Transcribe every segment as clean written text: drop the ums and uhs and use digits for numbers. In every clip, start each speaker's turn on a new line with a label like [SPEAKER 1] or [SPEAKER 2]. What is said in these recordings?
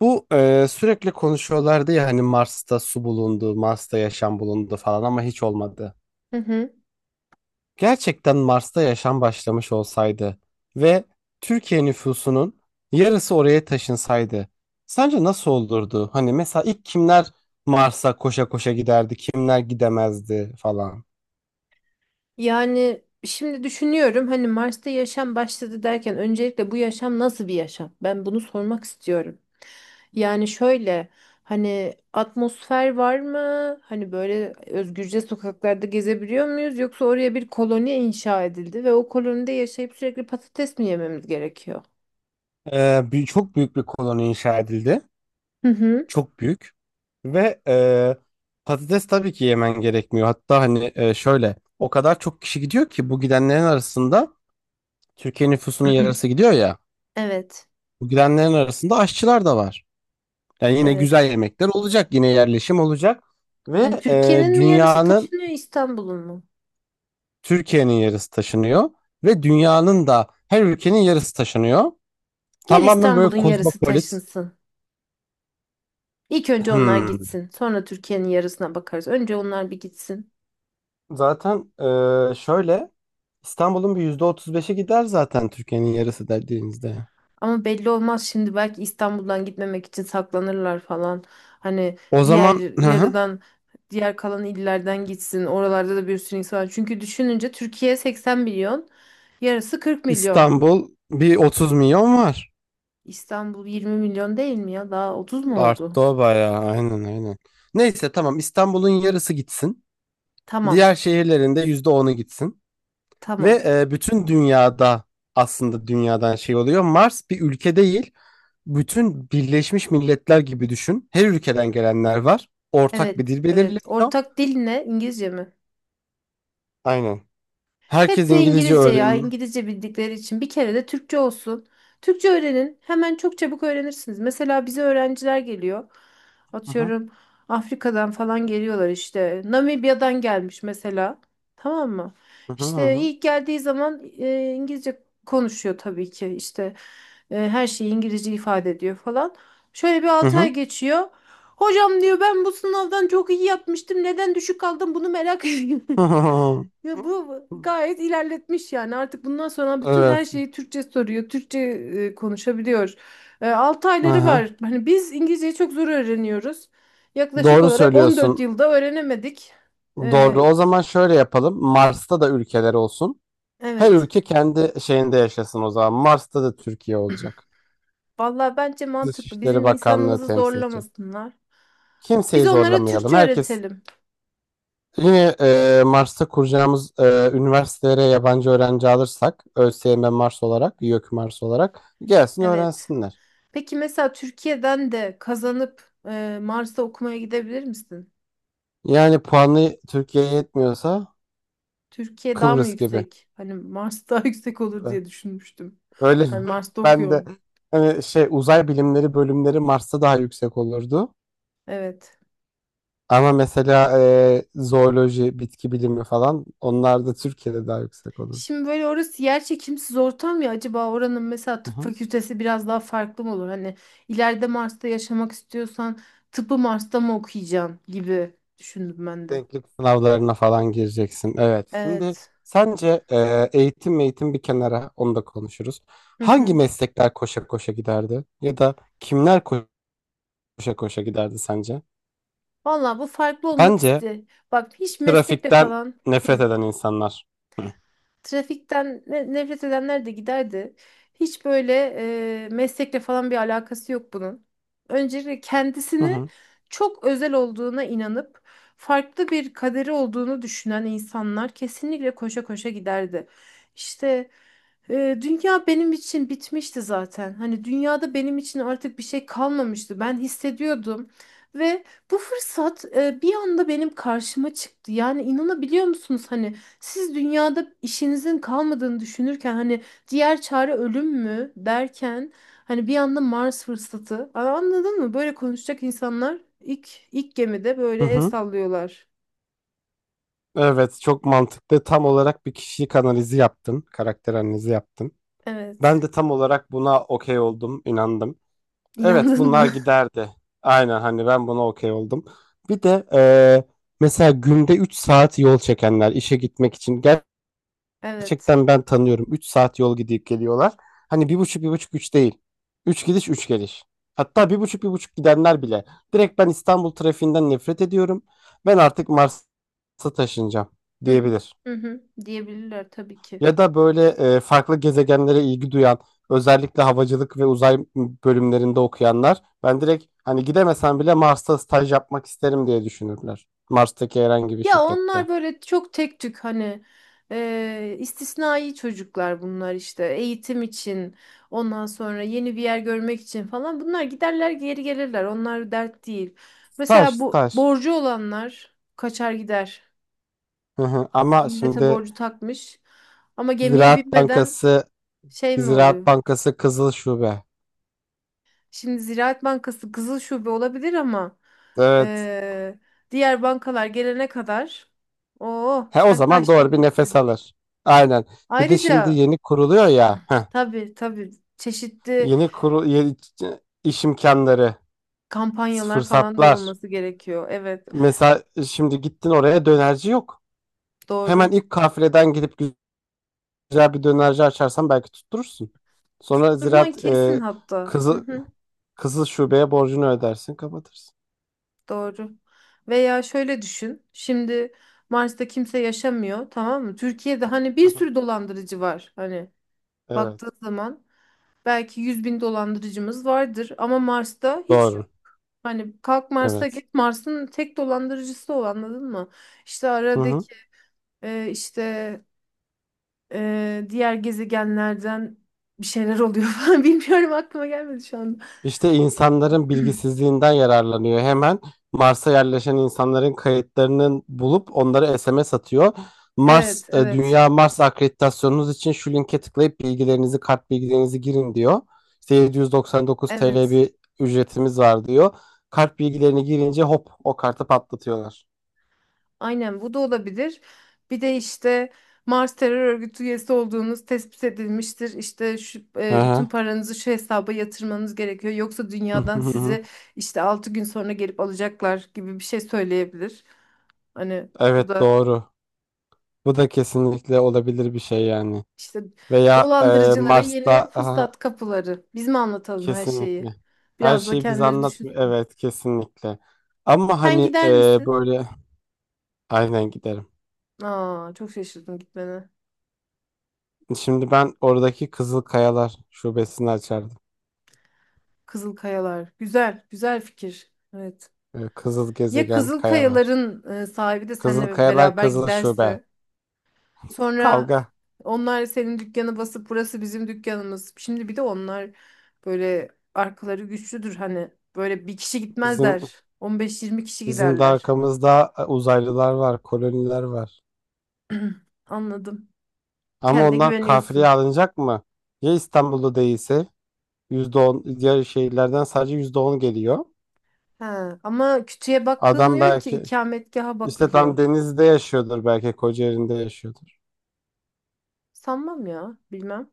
[SPEAKER 1] Bu sürekli konuşuyorlardı ya hani Mars'ta su bulundu, Mars'ta yaşam bulundu falan ama hiç olmadı.
[SPEAKER 2] Hı hı.
[SPEAKER 1] Gerçekten Mars'ta yaşam başlamış olsaydı ve Türkiye nüfusunun yarısı oraya taşınsaydı sence nasıl olurdu? Hani mesela ilk kimler Mars'a koşa koşa giderdi, kimler gidemezdi falan.
[SPEAKER 2] Yani şimdi düşünüyorum hani Mars'ta yaşam başladı derken öncelikle bu yaşam nasıl bir yaşam? Ben bunu sormak istiyorum. Yani şöyle hani atmosfer var mı? Hani böyle özgürce sokaklarda gezebiliyor muyuz? Yoksa oraya bir koloni inşa edildi ve o kolonide yaşayıp sürekli patates mi yememiz gerekiyor?
[SPEAKER 1] Çok büyük bir koloni inşa edildi.
[SPEAKER 2] Hı hı.
[SPEAKER 1] Çok büyük. Ve patates tabii ki yemen gerekmiyor. Hatta hani şöyle o kadar çok kişi gidiyor ki bu gidenlerin arasında Türkiye nüfusunun yarısı gidiyor ya.
[SPEAKER 2] Evet,
[SPEAKER 1] Bu gidenlerin arasında aşçılar da var. Yani yine güzel
[SPEAKER 2] evet.
[SPEAKER 1] yemekler olacak, yine yerleşim olacak ve
[SPEAKER 2] Hani Türkiye'nin mi yarısı
[SPEAKER 1] dünyanın
[SPEAKER 2] taşınıyor İstanbul'un mu?
[SPEAKER 1] Türkiye'nin yarısı taşınıyor ve dünyanın da her ülkenin yarısı taşınıyor.
[SPEAKER 2] Gel
[SPEAKER 1] Tamamen böyle
[SPEAKER 2] İstanbul'un yarısı
[SPEAKER 1] kozmopolit.
[SPEAKER 2] taşınsın. İlk önce onlar
[SPEAKER 1] Hmm.
[SPEAKER 2] gitsin. Sonra Türkiye'nin yarısına bakarız. Önce onlar bir gitsin.
[SPEAKER 1] Zaten şöyle İstanbul'un bir %35'i gider zaten Türkiye'nin yarısı dediğinizde.
[SPEAKER 2] Ama belli olmaz şimdi belki İstanbul'dan gitmemek için saklanırlar falan. Hani
[SPEAKER 1] O
[SPEAKER 2] diğer
[SPEAKER 1] zaman hı hı,
[SPEAKER 2] yarıdan diğer kalan illerden gitsin. Oralarda da bir sürü insan var. Çünkü düşününce Türkiye 80 milyon, yarısı 40 milyon.
[SPEAKER 1] İstanbul bir 30 milyon var.
[SPEAKER 2] İstanbul 20 milyon değil mi ya? Daha 30 mu
[SPEAKER 1] Arttı
[SPEAKER 2] oldu?
[SPEAKER 1] o bayağı aynen aynen. Neyse tamam İstanbul'un yarısı gitsin.
[SPEAKER 2] Tamam.
[SPEAKER 1] Diğer şehirlerinde %10'u gitsin.
[SPEAKER 2] Tamam.
[SPEAKER 1] Ve bütün dünyada aslında dünyadan şey oluyor. Mars bir ülke değil. Bütün Birleşmiş Milletler gibi düşün. Her ülkeden gelenler var. Ortak bir
[SPEAKER 2] Evet,
[SPEAKER 1] dil
[SPEAKER 2] evet.
[SPEAKER 1] belirleniyor.
[SPEAKER 2] Ortak dil ne? İngilizce mi?
[SPEAKER 1] Aynen.
[SPEAKER 2] Hep
[SPEAKER 1] Herkes
[SPEAKER 2] de
[SPEAKER 1] İngilizce
[SPEAKER 2] İngilizce ya,
[SPEAKER 1] öğren.
[SPEAKER 2] İngilizce bildikleri için bir kere de Türkçe olsun. Türkçe öğrenin, hemen çok çabuk öğrenirsiniz. Mesela bize öğrenciler geliyor.
[SPEAKER 1] Aha,
[SPEAKER 2] Atıyorum Afrika'dan falan geliyorlar işte. Namibya'dan gelmiş mesela. Tamam mı?
[SPEAKER 1] aha,
[SPEAKER 2] İşte
[SPEAKER 1] aha,
[SPEAKER 2] ilk geldiği zaman İngilizce konuşuyor tabii ki. İşte her şeyi İngilizce ifade ediyor falan. Şöyle bir 6 ay geçiyor. Hocam diyor ben bu sınavdan çok iyi yapmıştım. Neden düşük aldım bunu merak ediyorum.
[SPEAKER 1] aha.
[SPEAKER 2] Ya bu gayet ilerletmiş yani artık bundan sonra bütün her
[SPEAKER 1] Evet.
[SPEAKER 2] şeyi Türkçe soruyor, Türkçe konuşabiliyor. 6 ayları var.
[SPEAKER 1] Aha.
[SPEAKER 2] Hani biz İngilizceyi çok zor öğreniyoruz. Yaklaşık
[SPEAKER 1] Doğru
[SPEAKER 2] olarak 14
[SPEAKER 1] söylüyorsun.
[SPEAKER 2] yılda öğrenemedik.
[SPEAKER 1] Doğru.
[SPEAKER 2] E,
[SPEAKER 1] O zaman şöyle yapalım. Mars'ta da ülkeler olsun. Her
[SPEAKER 2] evet.
[SPEAKER 1] ülke kendi şeyinde yaşasın o zaman. Mars'ta da Türkiye olacak.
[SPEAKER 2] Vallahi bence mantıklı. Bizim
[SPEAKER 1] Dışişleri Bakanlığı
[SPEAKER 2] insanımızı
[SPEAKER 1] temsil edecek.
[SPEAKER 2] zorlamasınlar. Biz
[SPEAKER 1] Kimseyi
[SPEAKER 2] onlara
[SPEAKER 1] zorlamayalım.
[SPEAKER 2] Türkçe
[SPEAKER 1] Herkes
[SPEAKER 2] öğretelim.
[SPEAKER 1] yine Mars'ta kuracağımız üniversitelere yabancı öğrenci alırsak ÖSYM Mars olarak, YÖK Mars olarak gelsin
[SPEAKER 2] Evet.
[SPEAKER 1] öğrensinler.
[SPEAKER 2] Peki mesela Türkiye'den de kazanıp Mars'ta okumaya gidebilir misin?
[SPEAKER 1] Yani puanı Türkiye'ye yetmiyorsa
[SPEAKER 2] Türkiye daha mı
[SPEAKER 1] Kıbrıs gibi.
[SPEAKER 2] yüksek? Hani Mars daha yüksek olur diye düşünmüştüm.
[SPEAKER 1] Öyle
[SPEAKER 2] Hani Mars'ta
[SPEAKER 1] ben de
[SPEAKER 2] okuyorum.
[SPEAKER 1] hani şey uzay bilimleri bölümleri Mars'ta daha yüksek olurdu.
[SPEAKER 2] Evet.
[SPEAKER 1] Ama mesela zooloji, bitki bilimi falan onlar da Türkiye'de daha yüksek olurdu.
[SPEAKER 2] Şimdi böyle orası yer çekimsiz ortam ya acaba oranın mesela
[SPEAKER 1] Hı
[SPEAKER 2] tıp
[SPEAKER 1] hı.
[SPEAKER 2] fakültesi biraz daha farklı mı olur? Hani ileride Mars'ta yaşamak istiyorsan tıpı Mars'ta mı okuyacaksın gibi düşündüm ben de.
[SPEAKER 1] Denklik sınavlarına falan gireceksin. Evet. Şimdi
[SPEAKER 2] Evet.
[SPEAKER 1] sence eğitim eğitim bir kenara onu da konuşuruz.
[SPEAKER 2] Hı
[SPEAKER 1] Hangi
[SPEAKER 2] hı.
[SPEAKER 1] meslekler koşa koşa giderdi? Ya da kimler koşa koşa giderdi sence?
[SPEAKER 2] Vallahi bu farklı olmak
[SPEAKER 1] Bence
[SPEAKER 2] iste. Bak hiç meslekle
[SPEAKER 1] trafikten
[SPEAKER 2] falan.
[SPEAKER 1] nefret
[SPEAKER 2] Hı.
[SPEAKER 1] eden insanlar.
[SPEAKER 2] Trafikten nefret edenler de giderdi. Hiç böyle meslekle falan bir alakası yok bunun. Öncelikle
[SPEAKER 1] Hı
[SPEAKER 2] kendisini
[SPEAKER 1] hı.
[SPEAKER 2] çok özel olduğuna inanıp farklı bir kaderi olduğunu düşünen insanlar kesinlikle koşa koşa giderdi. İşte dünya benim için bitmişti zaten. Hani dünyada benim için artık bir şey kalmamıştı. Ben hissediyordum. Ve bu fırsat bir anda benim karşıma çıktı. Yani inanabiliyor musunuz? Hani siz dünyada işinizin kalmadığını düşünürken hani diğer çare ölüm mü derken hani bir anda Mars fırsatı. Aa, anladın mı? Böyle konuşacak insanlar ilk gemide
[SPEAKER 1] Hı
[SPEAKER 2] böyle el
[SPEAKER 1] hı.
[SPEAKER 2] sallıyorlar.
[SPEAKER 1] Evet, çok mantıklı. Tam olarak bir kişilik analizi yaptın, karakter analizi yaptın. Ben
[SPEAKER 2] Evet.
[SPEAKER 1] de tam olarak buna okey oldum, inandım. Evet,
[SPEAKER 2] İnandın
[SPEAKER 1] bunlar
[SPEAKER 2] mı?
[SPEAKER 1] giderdi. Aynen hani ben buna okey oldum. Bir de mesela günde 3 saat yol çekenler işe gitmek için
[SPEAKER 2] Evet.
[SPEAKER 1] gerçekten ben tanıyorum. 3 saat yol gidip geliyorlar. Hani 1,5, 1,5, 3 değil. 3 gidiş 3 geliş. Hatta 1,5, 1,5 gidenler bile. Direkt ben İstanbul trafiğinden nefret ediyorum. Ben artık Mars'a taşınacağım
[SPEAKER 2] Hı hı.
[SPEAKER 1] diyebilir.
[SPEAKER 2] Hı hı. Diyebilirler tabii ki.
[SPEAKER 1] Ya da böyle farklı gezegenlere ilgi duyan, özellikle havacılık ve uzay bölümlerinde okuyanlar, ben direkt hani gidemesen bile Mars'ta staj yapmak isterim diye düşünürler. Mars'taki herhangi bir
[SPEAKER 2] Ya
[SPEAKER 1] şirkette.
[SPEAKER 2] onlar böyle çok tek tük hani istisnai çocuklar bunlar işte eğitim için ondan sonra yeni bir yer görmek için falan bunlar giderler geri gelirler onlar dert değil.
[SPEAKER 1] Staj,
[SPEAKER 2] Mesela bu
[SPEAKER 1] staj.
[SPEAKER 2] borcu olanlar kaçar gider
[SPEAKER 1] Hı hı. Ama
[SPEAKER 2] millete
[SPEAKER 1] şimdi
[SPEAKER 2] borcu takmış ama gemiye
[SPEAKER 1] Ziraat
[SPEAKER 2] binmeden
[SPEAKER 1] Bankası,
[SPEAKER 2] şey mi
[SPEAKER 1] Ziraat
[SPEAKER 2] oluyor?
[SPEAKER 1] Bankası Kızıl Şube.
[SPEAKER 2] Şimdi Ziraat Bankası kızıl şube olabilir ama
[SPEAKER 1] Evet.
[SPEAKER 2] e, diğer bankalar gelene kadar o
[SPEAKER 1] He o
[SPEAKER 2] sen
[SPEAKER 1] zaman
[SPEAKER 2] kaçtın
[SPEAKER 1] doğru bir nefes
[SPEAKER 2] gittin.
[SPEAKER 1] alır. Aynen. Bir de şimdi
[SPEAKER 2] Ayrıca.
[SPEAKER 1] yeni kuruluyor ya. Heh,
[SPEAKER 2] Tabii, tabii, çeşitli
[SPEAKER 1] yeni kurul yeni iş imkanları,
[SPEAKER 2] kampanyalar falan da
[SPEAKER 1] fırsatlar.
[SPEAKER 2] olması gerekiyor. Evet,
[SPEAKER 1] Mesela şimdi gittin oraya dönerci yok.
[SPEAKER 2] doğru.
[SPEAKER 1] Hemen ilk kafileden gidip güzel bir dönerci açarsan belki tutturursun. Sonra
[SPEAKER 2] Tutturman
[SPEAKER 1] ziraat
[SPEAKER 2] kesin hatta. Hı
[SPEAKER 1] kızı
[SPEAKER 2] hı,
[SPEAKER 1] kızıl şubeye borcunu ödersin, kapatırsın.
[SPEAKER 2] doğru. Veya şöyle düşün. Şimdi Mars'ta kimse yaşamıyor tamam mı? Türkiye'de hani
[SPEAKER 1] Hı
[SPEAKER 2] bir
[SPEAKER 1] hı.
[SPEAKER 2] sürü dolandırıcı var. Hani
[SPEAKER 1] Evet.
[SPEAKER 2] baktığın zaman belki 100.000 dolandırıcımız vardır ama Mars'ta hiç yok.
[SPEAKER 1] Doğru.
[SPEAKER 2] Hani kalk Mars'a
[SPEAKER 1] Evet.
[SPEAKER 2] git Mars'ın tek dolandırıcısı o anladın mı? İşte
[SPEAKER 1] Hı hı.
[SPEAKER 2] aradaki işte diğer gezegenlerden bir şeyler oluyor falan bilmiyorum aklıma gelmedi şu anda.
[SPEAKER 1] İşte insanların bilgisizliğinden yararlanıyor. Hemen Mars'a yerleşen insanların kayıtlarını bulup onları SMS atıyor. Mars,
[SPEAKER 2] Evet, evet,
[SPEAKER 1] Dünya Mars akreditasyonunuz için şu linke tıklayıp bilgilerinizi, kart bilgilerinizi girin diyor. İşte 799 TL
[SPEAKER 2] evet.
[SPEAKER 1] bir ücretimiz var diyor. Kart bilgilerini girince hop o kartı patlatıyorlar.
[SPEAKER 2] Aynen bu da olabilir. Bir de işte Mars terör örgütü üyesi olduğunuz tespit edilmiştir. İşte şu,
[SPEAKER 1] Hı
[SPEAKER 2] bütün
[SPEAKER 1] hı.
[SPEAKER 2] paranızı şu hesaba yatırmanız gerekiyor. Yoksa dünyadan sizi işte 6 gün sonra gelip alacaklar gibi bir şey söyleyebilir. Hani bu
[SPEAKER 1] Evet
[SPEAKER 2] da
[SPEAKER 1] doğru. Bu da kesinlikle olabilir bir şey yani.
[SPEAKER 2] işte
[SPEAKER 1] Veya
[SPEAKER 2] dolandırıcılara yeni
[SPEAKER 1] Mars'ta
[SPEAKER 2] fırsat kapıları. Biz mi anlatalım her şeyi?
[SPEAKER 1] kesinlikle. Her
[SPEAKER 2] Biraz da
[SPEAKER 1] şeyi biz
[SPEAKER 2] kendileri düşün.
[SPEAKER 1] anlatmıyor. Evet, kesinlikle. Ama
[SPEAKER 2] Sen
[SPEAKER 1] hani
[SPEAKER 2] gider misin?
[SPEAKER 1] böyle aynen giderim.
[SPEAKER 2] Aa, çok şaşırdım gitmene.
[SPEAKER 1] Şimdi ben oradaki Kızıl Kayalar şubesini açardım.
[SPEAKER 2] Kızıl Kayalar. Güzel, güzel fikir. Evet.
[SPEAKER 1] E, Kızıl
[SPEAKER 2] Ya
[SPEAKER 1] Gezegen
[SPEAKER 2] Kızıl
[SPEAKER 1] Kayalar.
[SPEAKER 2] Kayaların sahibi de
[SPEAKER 1] Kızıl
[SPEAKER 2] seninle
[SPEAKER 1] Kayalar
[SPEAKER 2] beraber
[SPEAKER 1] Kızıl Şube.
[SPEAKER 2] giderse, sonra
[SPEAKER 1] Kavga.
[SPEAKER 2] onlar senin dükkanı basıp burası bizim dükkanımız. Şimdi bir de onlar böyle arkaları güçlüdür hani. Böyle bir kişi
[SPEAKER 1] Bizim
[SPEAKER 2] gitmezler. 15-20 kişi
[SPEAKER 1] bizim de
[SPEAKER 2] giderler.
[SPEAKER 1] arkamızda uzaylılar var, koloniler var.
[SPEAKER 2] Anladım.
[SPEAKER 1] Ama
[SPEAKER 2] Kendine
[SPEAKER 1] onlar kafireye
[SPEAKER 2] güveniyorsun.
[SPEAKER 1] alınacak mı? Ya İstanbul'da değilse %10, diğer şehirlerden sadece %10 geliyor.
[SPEAKER 2] Ha, ama kütüğe
[SPEAKER 1] Adam
[SPEAKER 2] bakılmıyor ki
[SPEAKER 1] belki,
[SPEAKER 2] ikametgaha
[SPEAKER 1] İşte
[SPEAKER 2] bakılıyor.
[SPEAKER 1] tam denizde yaşıyordur, belki Kocaeli'nde yaşıyordur.
[SPEAKER 2] Sanmam ya, bilmem.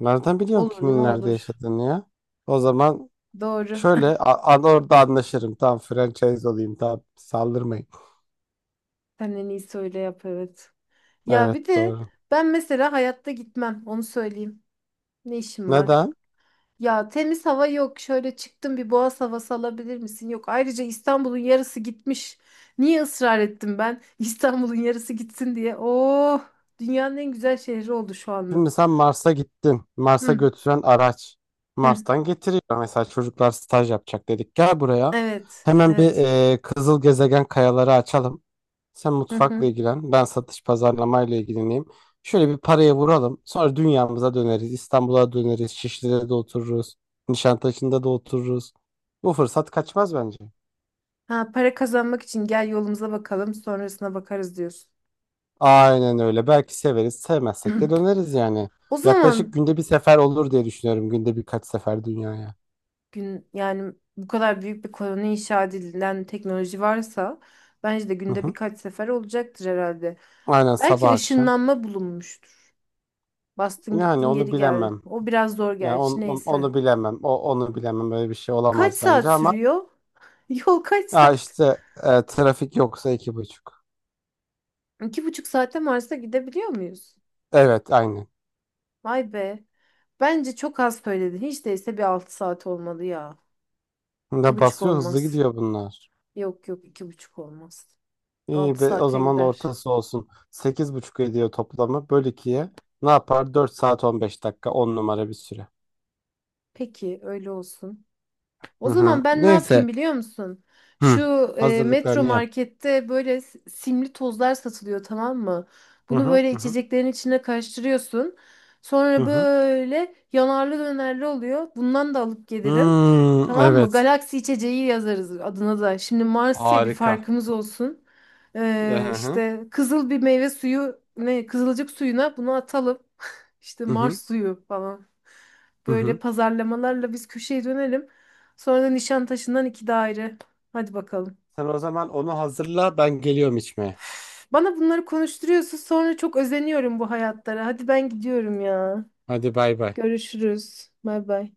[SPEAKER 1] Nereden biliyorsun
[SPEAKER 2] Olur mu
[SPEAKER 1] kimin nerede
[SPEAKER 2] olur.
[SPEAKER 1] yaşadığını ya? O zaman
[SPEAKER 2] Doğru.
[SPEAKER 1] şöyle orada anlaşırım. Tamam franchise olayım. Tamam saldırmayın.
[SPEAKER 2] Sen en iyisi öyle yap, evet. Ya
[SPEAKER 1] Evet
[SPEAKER 2] bir de
[SPEAKER 1] doğru.
[SPEAKER 2] ben mesela hayatta gitmem onu söyleyeyim. Ne işim var?
[SPEAKER 1] Neden?
[SPEAKER 2] Ya temiz hava yok. Şöyle çıktım bir boğaz havası alabilir misin? Yok. Ayrıca İstanbul'un yarısı gitmiş. Niye ısrar ettim ben? İstanbul'un yarısı gitsin diye. Oh, dünyanın en güzel şehri oldu şu anda.
[SPEAKER 1] Şimdi sen Mars'a gittin. Mars'a
[SPEAKER 2] Hı,
[SPEAKER 1] götüren araç
[SPEAKER 2] hı.
[SPEAKER 1] Mars'tan getiriyor. Mesela çocuklar staj yapacak dedik. Gel buraya.
[SPEAKER 2] Evet,
[SPEAKER 1] Hemen bir
[SPEAKER 2] evet.
[SPEAKER 1] kızıl gezegen kayaları açalım. Sen
[SPEAKER 2] Hı
[SPEAKER 1] mutfakla
[SPEAKER 2] hı.
[SPEAKER 1] ilgilen, ben satış pazarlamayla ilgileneyim. Şöyle bir paraya vuralım. Sonra dünyamıza döneriz. İstanbul'a döneriz. Şişli'de de otururuz. Nişantaşı'nda da otururuz. Bu fırsat kaçmaz bence.
[SPEAKER 2] Ha, para kazanmak için gel yolumuza bakalım, sonrasına bakarız diyorsun.
[SPEAKER 1] Aynen öyle. Belki severiz, sevmezsek de döneriz yani.
[SPEAKER 2] O
[SPEAKER 1] Yaklaşık
[SPEAKER 2] zaman
[SPEAKER 1] günde bir sefer olur diye düşünüyorum. Günde birkaç sefer dünyaya.
[SPEAKER 2] gün yani bu kadar büyük bir koloni inşa edilen teknoloji varsa bence de
[SPEAKER 1] Hı
[SPEAKER 2] günde
[SPEAKER 1] hı.
[SPEAKER 2] birkaç sefer olacaktır herhalde.
[SPEAKER 1] Aynen
[SPEAKER 2] Belki
[SPEAKER 1] sabah akşam.
[SPEAKER 2] ışınlanma bulunmuştur. Bastın
[SPEAKER 1] Yani
[SPEAKER 2] gittin
[SPEAKER 1] onu
[SPEAKER 2] geri geldin.
[SPEAKER 1] bilemem.
[SPEAKER 2] O biraz zor
[SPEAKER 1] Yani
[SPEAKER 2] gerçi neyse.
[SPEAKER 1] onu bilemem. O onu bilemem. Böyle bir şey
[SPEAKER 2] Kaç
[SPEAKER 1] olamaz
[SPEAKER 2] saat
[SPEAKER 1] bence ama
[SPEAKER 2] sürüyor? Yol kaç
[SPEAKER 1] ya
[SPEAKER 2] saat?
[SPEAKER 1] işte trafik yoksa 2,5.
[SPEAKER 2] 2,5 saate Mars'a gidebiliyor muyuz?
[SPEAKER 1] Evet, aynı.
[SPEAKER 2] Vay be. Bence çok az söyledin. Hiç değilse bir 6 saat olmalı ya. İki
[SPEAKER 1] Ne
[SPEAKER 2] buçuk
[SPEAKER 1] basıyor hızlı
[SPEAKER 2] olmaz.
[SPEAKER 1] gidiyor bunlar.
[SPEAKER 2] Yok yok, iki buçuk olmaz.
[SPEAKER 1] İyi
[SPEAKER 2] Altı
[SPEAKER 1] be o
[SPEAKER 2] saate
[SPEAKER 1] zaman
[SPEAKER 2] gider.
[SPEAKER 1] ortası olsun. 8,5 ediyor toplamı. Böl ikiye ne yapar? 4 saat 15 dakika, 10 numara bir süre.
[SPEAKER 2] Peki öyle olsun.
[SPEAKER 1] Hı
[SPEAKER 2] O
[SPEAKER 1] hı.
[SPEAKER 2] zaman ben ne
[SPEAKER 1] Neyse.
[SPEAKER 2] yapayım biliyor musun? Şu
[SPEAKER 1] Hı.
[SPEAKER 2] Metro
[SPEAKER 1] Hazırlıklarını yap.
[SPEAKER 2] Market'te böyle simli tozlar satılıyor tamam mı?
[SPEAKER 1] Hı
[SPEAKER 2] Bunu
[SPEAKER 1] hı
[SPEAKER 2] böyle
[SPEAKER 1] hı hı.
[SPEAKER 2] içeceklerin içine karıştırıyorsun.
[SPEAKER 1] Hı
[SPEAKER 2] Sonra
[SPEAKER 1] hı.
[SPEAKER 2] böyle yanarlı dönerli oluyor. Bundan da alıp gelirim.
[SPEAKER 1] Hmm,
[SPEAKER 2] Tamam mı?
[SPEAKER 1] evet.
[SPEAKER 2] Galaksi içeceği yazarız adına da. Şimdi Mars ya, bir
[SPEAKER 1] Harika.
[SPEAKER 2] farkımız olsun.
[SPEAKER 1] Hı hı.
[SPEAKER 2] İşte kızıl bir meyve suyu, ne kızılcık suyuna bunu atalım. İşte
[SPEAKER 1] Hı hı.
[SPEAKER 2] Mars suyu falan.
[SPEAKER 1] Hı
[SPEAKER 2] Böyle
[SPEAKER 1] hı.
[SPEAKER 2] pazarlamalarla biz köşeye dönelim. Sonra da Nişantaşı'ndan iki daire. Hadi bakalım.
[SPEAKER 1] Sen o zaman onu hazırla ben geliyorum içmeye.
[SPEAKER 2] Bana bunları konuşturuyorsun sonra çok özeniyorum bu hayatlara. Hadi ben gidiyorum ya.
[SPEAKER 1] Hadi bay bay.
[SPEAKER 2] Görüşürüz. Bay bay.